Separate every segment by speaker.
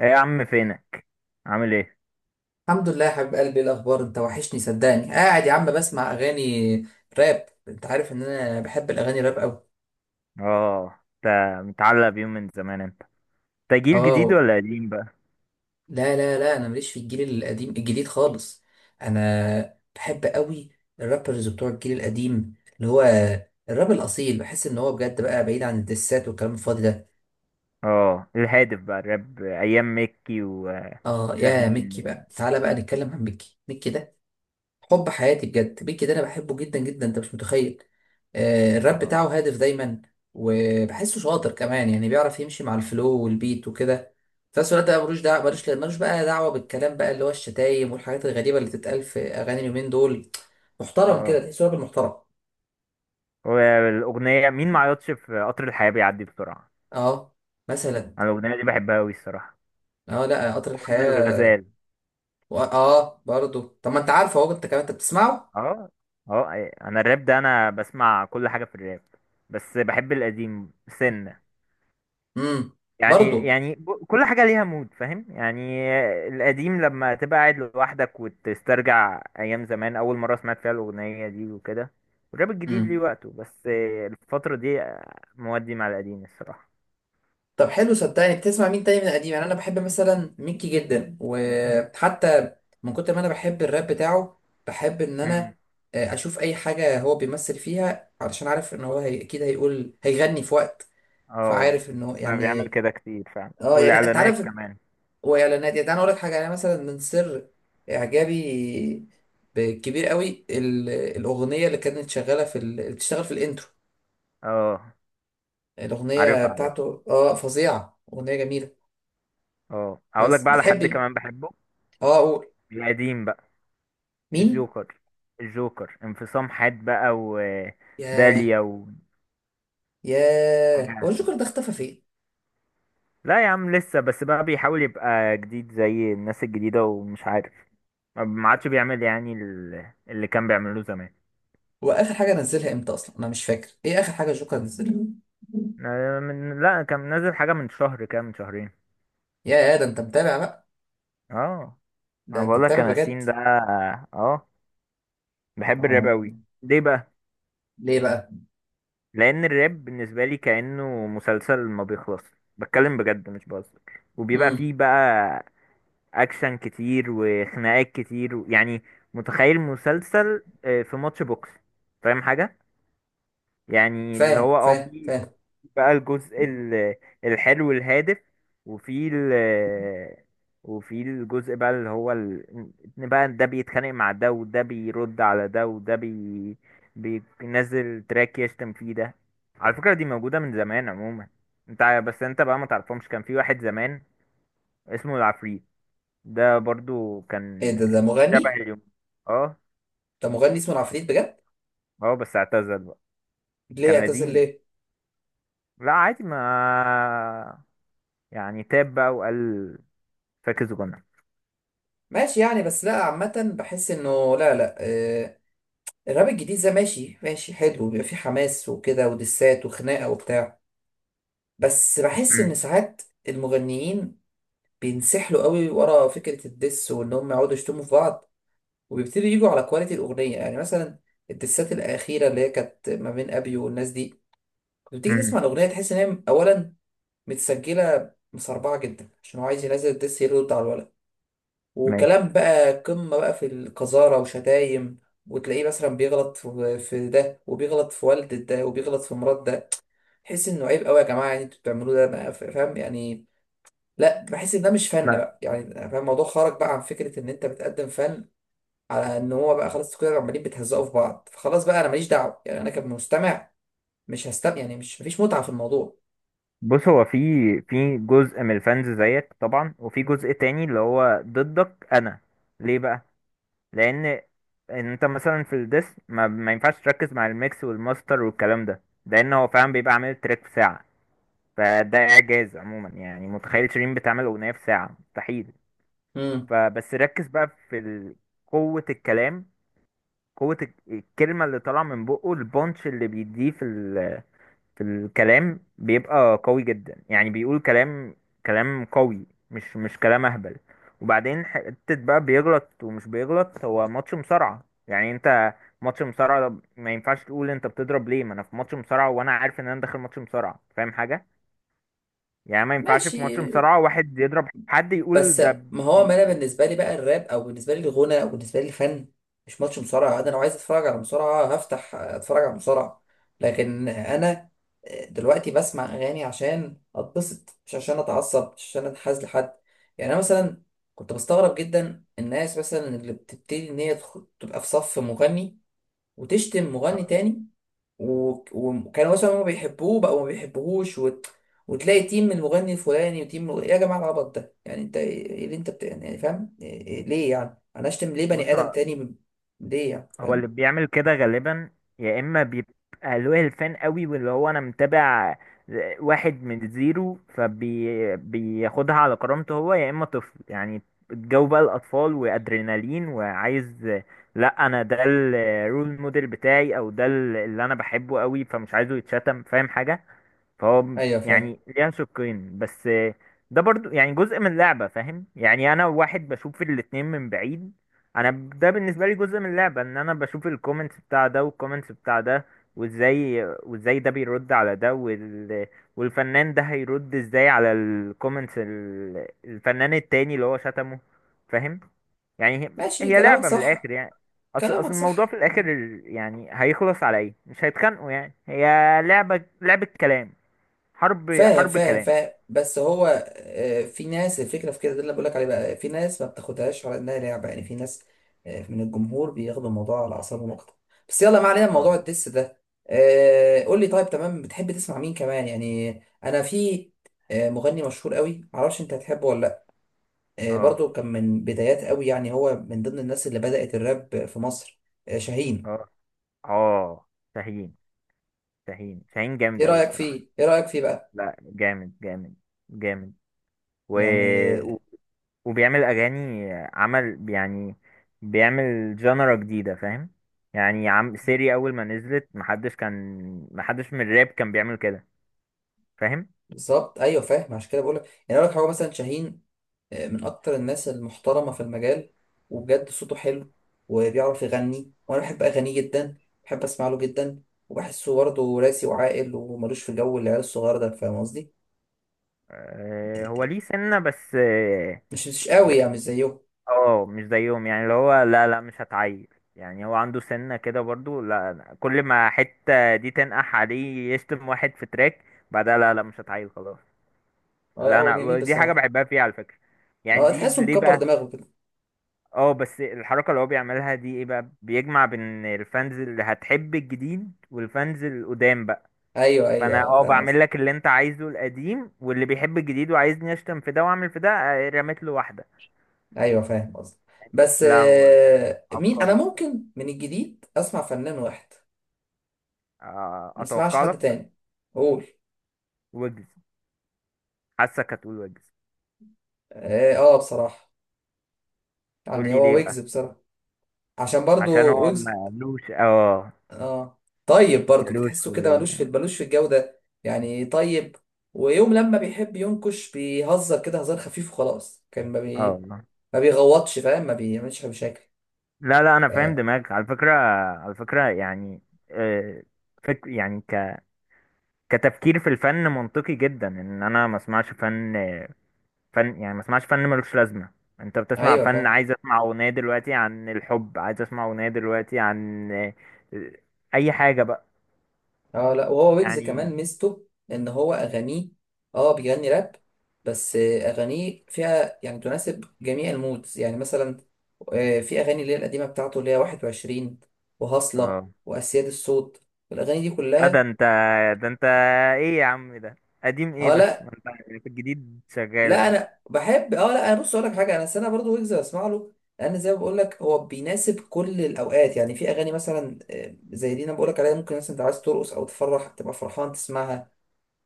Speaker 1: ايه يا عم، فينك؟ عامل ايه؟
Speaker 2: الحمد لله يا حبيب قلبي، إيه الاخبار؟ انت وحشني صدقني. قاعد يا عم بسمع اغاني راب. انت عارف ان انا بحب الاغاني راب قوي.
Speaker 1: اه، انت متعلق بيهم من زمان. انت انت جيل جديد
Speaker 2: اه،
Speaker 1: ولا قديم بقى؟
Speaker 2: لا لا لا انا ماليش في الجيل القديم الجديد خالص. انا بحب قوي الرابرز بتوع الجيل القديم، اللي هو الراب الاصيل. بحس ان هو بجد بقى بعيد عن الدسات والكلام الفاضي ده.
Speaker 1: اه، الهادف بقى، الراب ايام مكي
Speaker 2: اه، يا
Speaker 1: وشاهين
Speaker 2: ميكي بقى، تعالى بقى نتكلم عن ميكي. ميكي ده حب حياتي بجد. بيكي ده انا بحبه جدا جدا، انت مش متخيل. الراب
Speaker 1: اه،
Speaker 2: بتاعه هادف دايما، وبحسه شاطر كمان، يعني بيعرف يمشي مع الفلو والبيت وكده. في نفس الوقت بقى ملوش دعوه، ملوش بقى دعوه بالكلام بقى، اللي هو الشتايم والحاجات الغريبه اللي تتقال في اغاني اليومين دول. محترم كده،
Speaker 1: اه.
Speaker 2: تحسه راجل محترم.
Speaker 1: والاغنيه «مين ما عيطش في قطر الحياه بيعدي بسرعه»،
Speaker 2: اه، مثلا.
Speaker 1: انا الاغنيه دي بحبها قوي الصراحه،
Speaker 2: اه، لا قطر
Speaker 1: واغنيه
Speaker 2: الحياه.
Speaker 1: الغزال.
Speaker 2: اه، برضو. طب ما انت عارفه اهو، انت كمان انت بتسمعه.
Speaker 1: اه، اه، انا الراب، ده انا بسمع كل حاجه في الراب، بس بحب القديم سنة.
Speaker 2: امم
Speaker 1: يعني
Speaker 2: برضو.
Speaker 1: يعني ب- كل حاجة ليها مود، فاهم يعني؟ القديم لما تبقى قاعد لوحدك وتسترجع أيام زمان أول مرة سمعت فيها الأغنية دي وكده، والراب الجديد ليه
Speaker 2: مم.
Speaker 1: وقته، بس الفترة دي مودي مع القديم الصراحة.
Speaker 2: طب حلو، صدقني بتسمع مين تاني من قديم؟ يعني انا بحب مثلا ميكي جدا، وحتى من كتر ما انا بحب الراب بتاعه بحب ان
Speaker 1: امم،
Speaker 2: انا اشوف اي حاجه هو بيمثل فيها، علشان عارف ان هو هي... اكيد هيقول هيغني في وقت.
Speaker 1: اه،
Speaker 2: فعارف انه
Speaker 1: بقى بيعمل
Speaker 2: يعني
Speaker 1: كده كتير فعلا،
Speaker 2: اه، يعني انت
Speaker 1: والإعلانات
Speaker 2: عارف.
Speaker 1: كمان.
Speaker 2: واعلانات، يعني انا اقول لك حاجه، يعني مثلا من سر اعجابي كبير قوي الاغنيه اللي كانت شغاله في ال... اللي بتشتغل في الانترو،
Speaker 1: اه،
Speaker 2: الاغنيه
Speaker 1: عارفها عارفها.
Speaker 2: بتاعته اه فظيعه، اغنيه جميله.
Speaker 1: اه، هقول لك
Speaker 2: بس
Speaker 1: بقى على حد
Speaker 2: بتحبي
Speaker 1: كمان بحبه،
Speaker 2: اه، قول
Speaker 1: القديم بقى،
Speaker 2: مين.
Speaker 1: الجوكر. الجوكر انفصام حاد بقى،
Speaker 2: ياه،
Speaker 1: وداليا، وحاجة.
Speaker 2: ياه، هو الجوكر ده اختفى فين؟
Speaker 1: لا يا عم، لسه، بس بقى بيحاول يبقى جديد زي الناس الجديدة ومش عارف. ما عادش بيعمل يعني اللي كان بيعمله زمان.
Speaker 2: هو اخر حاجه نزلها امتى اصلا؟ انا مش فاكر ايه اخر حاجه الجوكر نزلها.
Speaker 1: من لا، كان نازل حاجة من شهر كده، من شهرين.
Speaker 2: ياه، ده انت متابع بقى،
Speaker 1: اه،
Speaker 2: ده
Speaker 1: انا
Speaker 2: انت
Speaker 1: بقول لك،
Speaker 2: متابع
Speaker 1: انا
Speaker 2: بجد.
Speaker 1: سين ده. اه، بحب الراب
Speaker 2: آه.
Speaker 1: قوي. ليه بقى؟
Speaker 2: ليه بقى؟
Speaker 1: لان الراب بالنسبة لي كأنه مسلسل ما بيخلص. بتكلم بجد مش بهزر. وبيبقى
Speaker 2: امم
Speaker 1: فيه بقى اكشن كتير وخناقات كتير يعني، متخيل مسلسل، في ماتش بوكس، فاهم حاجة؟ يعني اللي
Speaker 2: فاهم
Speaker 1: هو في،
Speaker 2: فاهم.
Speaker 1: في بقى الجزء
Speaker 2: مم.
Speaker 1: الحلو الهادف. وفي وفي الجزء بقى اللي هو إن بقى ده بيتخانق مع ده، وده بيرد على ده، وده بينزل تراك يشتم فيه ده. على فكرة دي موجودة من زمان عموما. بس انت بقى ما تعرفهمش، كان في واحد زمان اسمه العفريت. ده برضو
Speaker 2: ايه
Speaker 1: كان
Speaker 2: ده؟ ده
Speaker 1: شبه
Speaker 2: مغني؟
Speaker 1: اليوم. اه،
Speaker 2: ده مغني اسمه العفريت بجد؟
Speaker 1: اه، بس اعتزل بقى.
Speaker 2: ليه
Speaker 1: كان
Speaker 2: اعتزل
Speaker 1: قديم.
Speaker 2: ليه؟
Speaker 1: لا عادي، ما يعني تاب بقى وقال فاكس جنة.
Speaker 2: ماشي يعني، بس لا عامه بحس انه لا لا آه الراب الجديد ده ماشي ماشي حلو، بيبقى فيه حماس وكده ودسات وخناقه وبتاع، بس بحس ان
Speaker 1: مم.
Speaker 2: ساعات المغنيين بينسحلوا قوي ورا فكره الدس، وان هم يقعدوا يشتموا في بعض، وبيبتدوا يجوا على كواليتي الاغنيه. يعني مثلا الدسات الاخيره اللي هي كانت ما بين ابي والناس دي، كنت بتيجي تسمع
Speaker 1: مم.
Speaker 2: الاغنيه تحس ان هي اولا متسجله مسربعه جدا، عشان هو عايز ينزل الدس يرد على الولد.
Speaker 1: ماشي،
Speaker 2: وكلام بقى قمه بقى في القذاره وشتايم، وتلاقيه مثلا بيغلط في ده وبيغلط في والدة ده وبيغلط في مرات ده. تحس انه عيب قوي يا جماعه، يعني انتوا بتعملوه ده بقى، فاهم يعني. لا بحس ان ده مش فن
Speaker 1: ما.
Speaker 2: بقى، يعني فاهم، الموضوع خرج بقى عن فكره ان انت بتقدم فن، على ان هو بقى خلاص كده عمالين بتهزقوا في بعض. فخلاص بقى، انا ماليش دعوه، يعني انا كمستمع مش هستمع، يعني مش مفيش متعه في الموضوع.
Speaker 1: بص، هو في جزء من الفانز زيك طبعا، وفي جزء تاني اللي هو ضدك انا. ليه بقى؟ لان انت مثلا في الديس، ما ينفعش تركز مع الميكس والماستر والكلام ده. لان هو فعلا بيبقى عامل تراك في ساعة، فده اعجاز عموما. يعني متخيل شيرين بتعمل اغنية في ساعة؟ مستحيل.
Speaker 2: امم
Speaker 1: فبس ركز بقى في قوة الكلام، قوة الكلمة اللي طالعة من بقه، البونش اللي بيديه في في الكلام، بيبقى قوي جدا. يعني بيقول كلام، كلام قوي، مش كلام اهبل. وبعدين حتة بقى بيغلط ومش بيغلط، هو ماتش مصارعة يعني. انت ماتش مصارعة ده، ما ينفعش تقول انت بتضرب ليه، ما انا في ماتش مصارعة، وانا عارف ان انا داخل ماتش مصارعة، فاهم حاجة؟ يعني ما ينفعش في ماتش
Speaker 2: ماشي.
Speaker 1: مصارعة واحد يضرب حد يقول
Speaker 2: بس
Speaker 1: ده
Speaker 2: ما هو ما
Speaker 1: بي-
Speaker 2: انا بالنسبه لي بقى الراب، او بالنسبه لي الغنى، او بالنسبه لي الفن، مش ماتش مصارعه. انا لو عايز اتفرج على مصارعه هفتح اتفرج على مصارعه، لكن انا دلوقتي بسمع اغاني عشان اتبسط، مش عشان اتعصب، مش عشان اتحاز لحد. يعني انا مثلا كنت بستغرب جدا الناس مثلا اللي بتبتدي ان هي تبقى في صف مغني وتشتم مغني تاني، وكانوا مثلا هما بيحبوه بقوا ما بيحبوهوش وت... وتلاقي تيم من المغني الفلاني وتيم من... ايه يا جماعه العبط ده؟ يعني انت ايه، إيه اللي انت بت...، يعني إيه، فاهم إيه... إيه... ليه يعني انا اشتم ليه
Speaker 1: بص،
Speaker 2: بني ادم تاني ب... ليه يعني
Speaker 1: هو اللي
Speaker 2: فاهم.
Speaker 1: بيعمل كده غالبا، يا اما بيبقى له الفان قوي، واللي هو انا متابع واحد من زيرو، فبياخدها على كرامته هو، يا اما طفل يعني. الجو بقى الاطفال وادرينالين وعايز، لا، انا ده الرول موديل بتاعي، او ده اللي انا بحبه قوي، فمش عايزه يتشتم، فاهم حاجة؟ فهو
Speaker 2: ايوه فاهم.
Speaker 1: يعني ليه شقين بس. ده برضو يعني جزء من اللعبة، فاهم يعني؟ أنا واحد بشوف الاتنين من بعيد. ده بالنسبة لي جزء من اللعبة، إن أنا بشوف الكومنتس بتاع ده، والكومنتس بتاع ده، وإزاي ده بيرد على ده، والفنان ده هيرد إزاي على الكومنتس الفنان التاني اللي هو شتمه، فاهم يعني؟
Speaker 2: ماشي
Speaker 1: هي
Speaker 2: كلامك
Speaker 1: لعبة من
Speaker 2: صح.
Speaker 1: الآخر يعني. اصل
Speaker 2: كلامك
Speaker 1: اصل الموضوع في
Speaker 2: صح.
Speaker 1: الاخر يعني هيخلص على ايه؟ مش هيتخانقوا، يعني هي لعبة كلام، حرب
Speaker 2: فاهم
Speaker 1: حرب
Speaker 2: فاهم
Speaker 1: كلام.
Speaker 2: فاهم بس هو في ناس، الفكره في كده، ده اللي بقولك عليه بقى، في ناس ما بتاخدهاش على انها لعبه. يعني في ناس من الجمهور بياخدوا الموضوع على اعصابهم اكتر. بس يلا ما علينا من موضوع
Speaker 1: اه،
Speaker 2: الدس ده. قول لي، طيب تمام، بتحب تسمع مين كمان يعني؟ انا في مغني مشهور قوي، معرفش انت هتحبه ولا لا.
Speaker 1: اه،
Speaker 2: برضو كان من بدايات قوي، يعني هو من ضمن الناس اللي بدأت الراب في مصر، شاهين.
Speaker 1: اه، اه، شاهين، شاهين، شاهين جامد
Speaker 2: ايه
Speaker 1: أوي
Speaker 2: رأيك
Speaker 1: الصراحة.
Speaker 2: فيه؟ ايه رأيك فيه بقى؟
Speaker 1: لا، جامد، جامد، جامد، و...
Speaker 2: يعني
Speaker 1: و...
Speaker 2: آه،
Speaker 1: وبيعمل أغاني، عمل يعني، بيعمل جانرا جديدة، فاهم يعني؟ عم سيري أول ما نزلت، محدش من الراب كان بيعمل كده، فاهم؟
Speaker 2: بالظبط. ايوه فاهم، عشان كده بقول لك، يعني اقول لك هو مثلا شاهين من اكتر الناس المحترمه في المجال، وبجد صوته حلو، وبيعرف يغني، وانا بحب اغانيه جدا، بحب اسمع له جدا. وبحسه برضه راسي وعاقل وملوش في جو العيال الصغير ده، فاهم قصدي.
Speaker 1: آه، هو ليه سنة بس.
Speaker 2: مش قوي يعني، مش زيه.
Speaker 1: اه، مش زيهم يعني، اللي هو لا، لا، مش هتعيل. يعني هو عنده سنة كده برضو. لا، أنا كل ما حتة دي تنقح عليه يشتم واحد في تراك بعدها، لا، لا، مش هتعيل خلاص.
Speaker 2: اه لا،
Speaker 1: لا،
Speaker 2: هو جميل
Speaker 1: انا دي حاجة
Speaker 2: بصراحه.
Speaker 1: بحبها فيه على فكرة. يعني
Speaker 2: اه،
Speaker 1: دي
Speaker 2: تحسه
Speaker 1: ليه
Speaker 2: مكبر
Speaker 1: بقى؟
Speaker 2: دماغه كده.
Speaker 1: اه، بس الحركة اللي هو بيعملها دي ايه بقى؟ بيجمع بين الفانز اللي هتحب الجديد، والفانز القدام بقى.
Speaker 2: ايوه ايوه،
Speaker 1: فانا
Speaker 2: اه فاهم
Speaker 1: بعمل
Speaker 2: قصدي.
Speaker 1: لك اللي انت عايزه، القديم واللي بيحب الجديد وعايزني اشتم في ده واعمل في ده، رميت له واحدة.
Speaker 2: ايوه فاهم قصدي. بس
Speaker 1: لا، هو
Speaker 2: مين انا
Speaker 1: عبقري بصراحة.
Speaker 2: ممكن من الجديد اسمع فنان واحد، ما اسمعش
Speaker 1: اتوقع
Speaker 2: حد
Speaker 1: لك
Speaker 2: تاني؟ قول.
Speaker 1: ويجز. حاسك هتقول ويجز.
Speaker 2: اه، بصراحه
Speaker 1: قول
Speaker 2: يعني
Speaker 1: لي
Speaker 2: هو
Speaker 1: ليه
Speaker 2: ويجز
Speaker 1: بقى.
Speaker 2: بصراحه، عشان
Speaker 1: عشان
Speaker 2: برضو
Speaker 1: هو
Speaker 2: ويجز.
Speaker 1: مالوش،
Speaker 2: اه، طيب برضو
Speaker 1: مالوش
Speaker 2: تحسه
Speaker 1: في
Speaker 2: كده ملوش في، ملوش في الجودة يعني، طيب. ويوم لما بيحب ينكش بيهزر كده هزار خفيف وخلاص، كان ما
Speaker 1: اه
Speaker 2: بي...
Speaker 1: والله.
Speaker 2: ما بيغوطش، فاهم، ما بيعملش مشاكل.
Speaker 1: لا، لا، انا فاهم
Speaker 2: ف...
Speaker 1: دماغك على فكره. على فكره يعني، آه، فك يعني ك كتفكير في الفن، منطقي جدا ان انا ما اسمعش فن. فن يعني ما اسمعش فن، ملوش لازمه. انت بتسمع
Speaker 2: ايوه
Speaker 1: فن،
Speaker 2: فاهم.
Speaker 1: عايز اسمع اغنيه دلوقتي عن الحب، عايز اسمع اغنيه دلوقتي عن اي حاجه بقى
Speaker 2: اه لا، وهو ويجز
Speaker 1: يعني.
Speaker 2: كمان ميزته ان هو اغانيه اه بيغني راب، بس اغانيه فيها يعني تناسب جميع المودز. يعني مثلا في اغاني اللي هي القديمة بتاعته، اللي هي 21 وهصلة
Speaker 1: اه،
Speaker 2: واسياد الصوت، الاغاني دي
Speaker 1: لا، ده
Speaker 2: كلها.
Speaker 1: انت، ده انت ايه يا عم ده، قديم ايه
Speaker 2: اه
Speaker 1: بس؟
Speaker 2: لا
Speaker 1: ما انت في الجديد شغال
Speaker 2: لا،
Speaker 1: اهو.
Speaker 2: انا بحب اه لا، انا بص اقول لك حاجه، انا السنه برضو ويجز بسمع له، لان زي ما بقول لك هو بيناسب كل الاوقات. يعني في اغاني مثلا زي دي انا بقول لك عليها، ممكن مثلا انت عايز ترقص او تفرح تبقى فرحان تسمعها.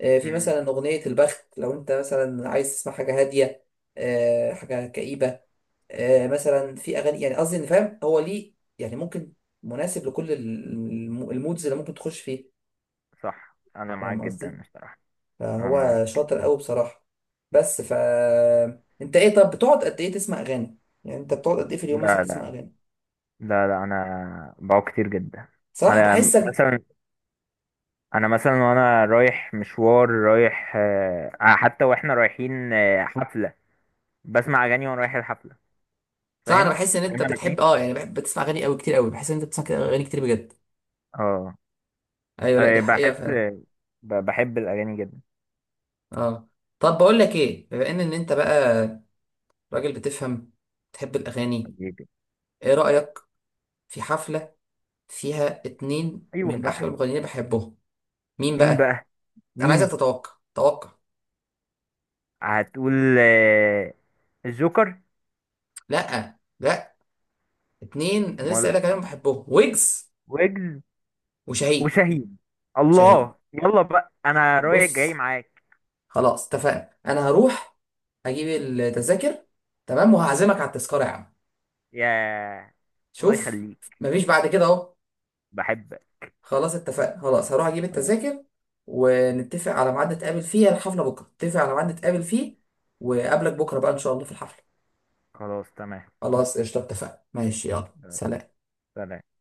Speaker 2: في
Speaker 1: امم.
Speaker 2: مثلا اغنيه البخت، لو انت مثلا عايز تسمع حاجه هاديه، حاجه كئيبه، مثلا في اغاني. يعني قصدي ان فاهم هو ليه، يعني ممكن مناسب لكل المودز اللي ممكن تخش فيه،
Speaker 1: صح، انا معاك
Speaker 2: فاهم قصدي.
Speaker 1: جدا الصراحه. انا
Speaker 2: فهو
Speaker 1: معاك.
Speaker 2: شاطر قوي بصراحة. بس ف انت ايه، طب بتقعد قد ايه تسمع اغاني؟ يعني انت بتقعد قد ايه في اليوم مثلا
Speaker 1: لا،
Speaker 2: تسمع
Speaker 1: لا.
Speaker 2: اغاني؟
Speaker 1: لا، لا، انا بقعد كتير جدا.
Speaker 2: صراحة
Speaker 1: انا
Speaker 2: بحسك،
Speaker 1: مثلا، انا مثلا وانا رايح مشوار رايح آه، حتى واحنا رايحين حفله، بسمع اغاني وانا رايح الحفله،
Speaker 2: صراحة انا
Speaker 1: فاهم؟
Speaker 2: بحس ان انت
Speaker 1: فاهم انا فين؟
Speaker 2: بتحب اه، يعني بحب بتسمع اغاني قوي، كتير قوي، بحس ان انت بتسمع كده اغاني كتير بجد.
Speaker 1: اه.
Speaker 2: ايوه لا، دي حقيقة
Speaker 1: بحس،
Speaker 2: فعلا.
Speaker 1: بحب الاغاني جدا.
Speaker 2: اه، طب بقول لك ايه، بما ان انت بقى راجل بتفهم، بتحب الاغاني،
Speaker 1: حبيبي.
Speaker 2: ايه رأيك في حفلة فيها اتنين
Speaker 1: ايوه
Speaker 2: من احلى
Speaker 1: بقى،
Speaker 2: المغنيين اللي بحبهم؟ مين
Speaker 1: مين
Speaker 2: بقى؟
Speaker 1: بقى؟
Speaker 2: انا عايزك
Speaker 1: مين؟
Speaker 2: تتوقع، توقع.
Speaker 1: هتقول آه، الجوكر؟
Speaker 2: لا لا، اتنين انا لسه
Speaker 1: مال-
Speaker 2: قايل لك عليهم بحبهم: ويجز
Speaker 1: ويجز
Speaker 2: وشاهين.
Speaker 1: وشاهين!
Speaker 2: شاهين،
Speaker 1: الله، يلا بقى انا رايح جاي
Speaker 2: بص،
Speaker 1: معاك.
Speaker 2: خلاص اتفقنا، انا هروح اجيب التذاكر، تمام، وهعزمك على التذكرة يا عم.
Speaker 1: يا الله
Speaker 2: شوف
Speaker 1: يخليك،
Speaker 2: مفيش بعد كده اهو.
Speaker 1: بحبك.
Speaker 2: خلاص اتفقنا، خلاص هروح اجيب
Speaker 1: خلاص.
Speaker 2: التذاكر، ونتفق على ميعاد نتقابل فيه الحفلة بكرة، نتفق على ميعاد نتقابل فيه، وقابلك بكرة بقى ان شاء الله في الحفلة.
Speaker 1: خلاص تمام.
Speaker 2: خلاص قشطة، اتفقنا،
Speaker 1: ماشي.
Speaker 2: ماشي، يلا سلام.
Speaker 1: سلام.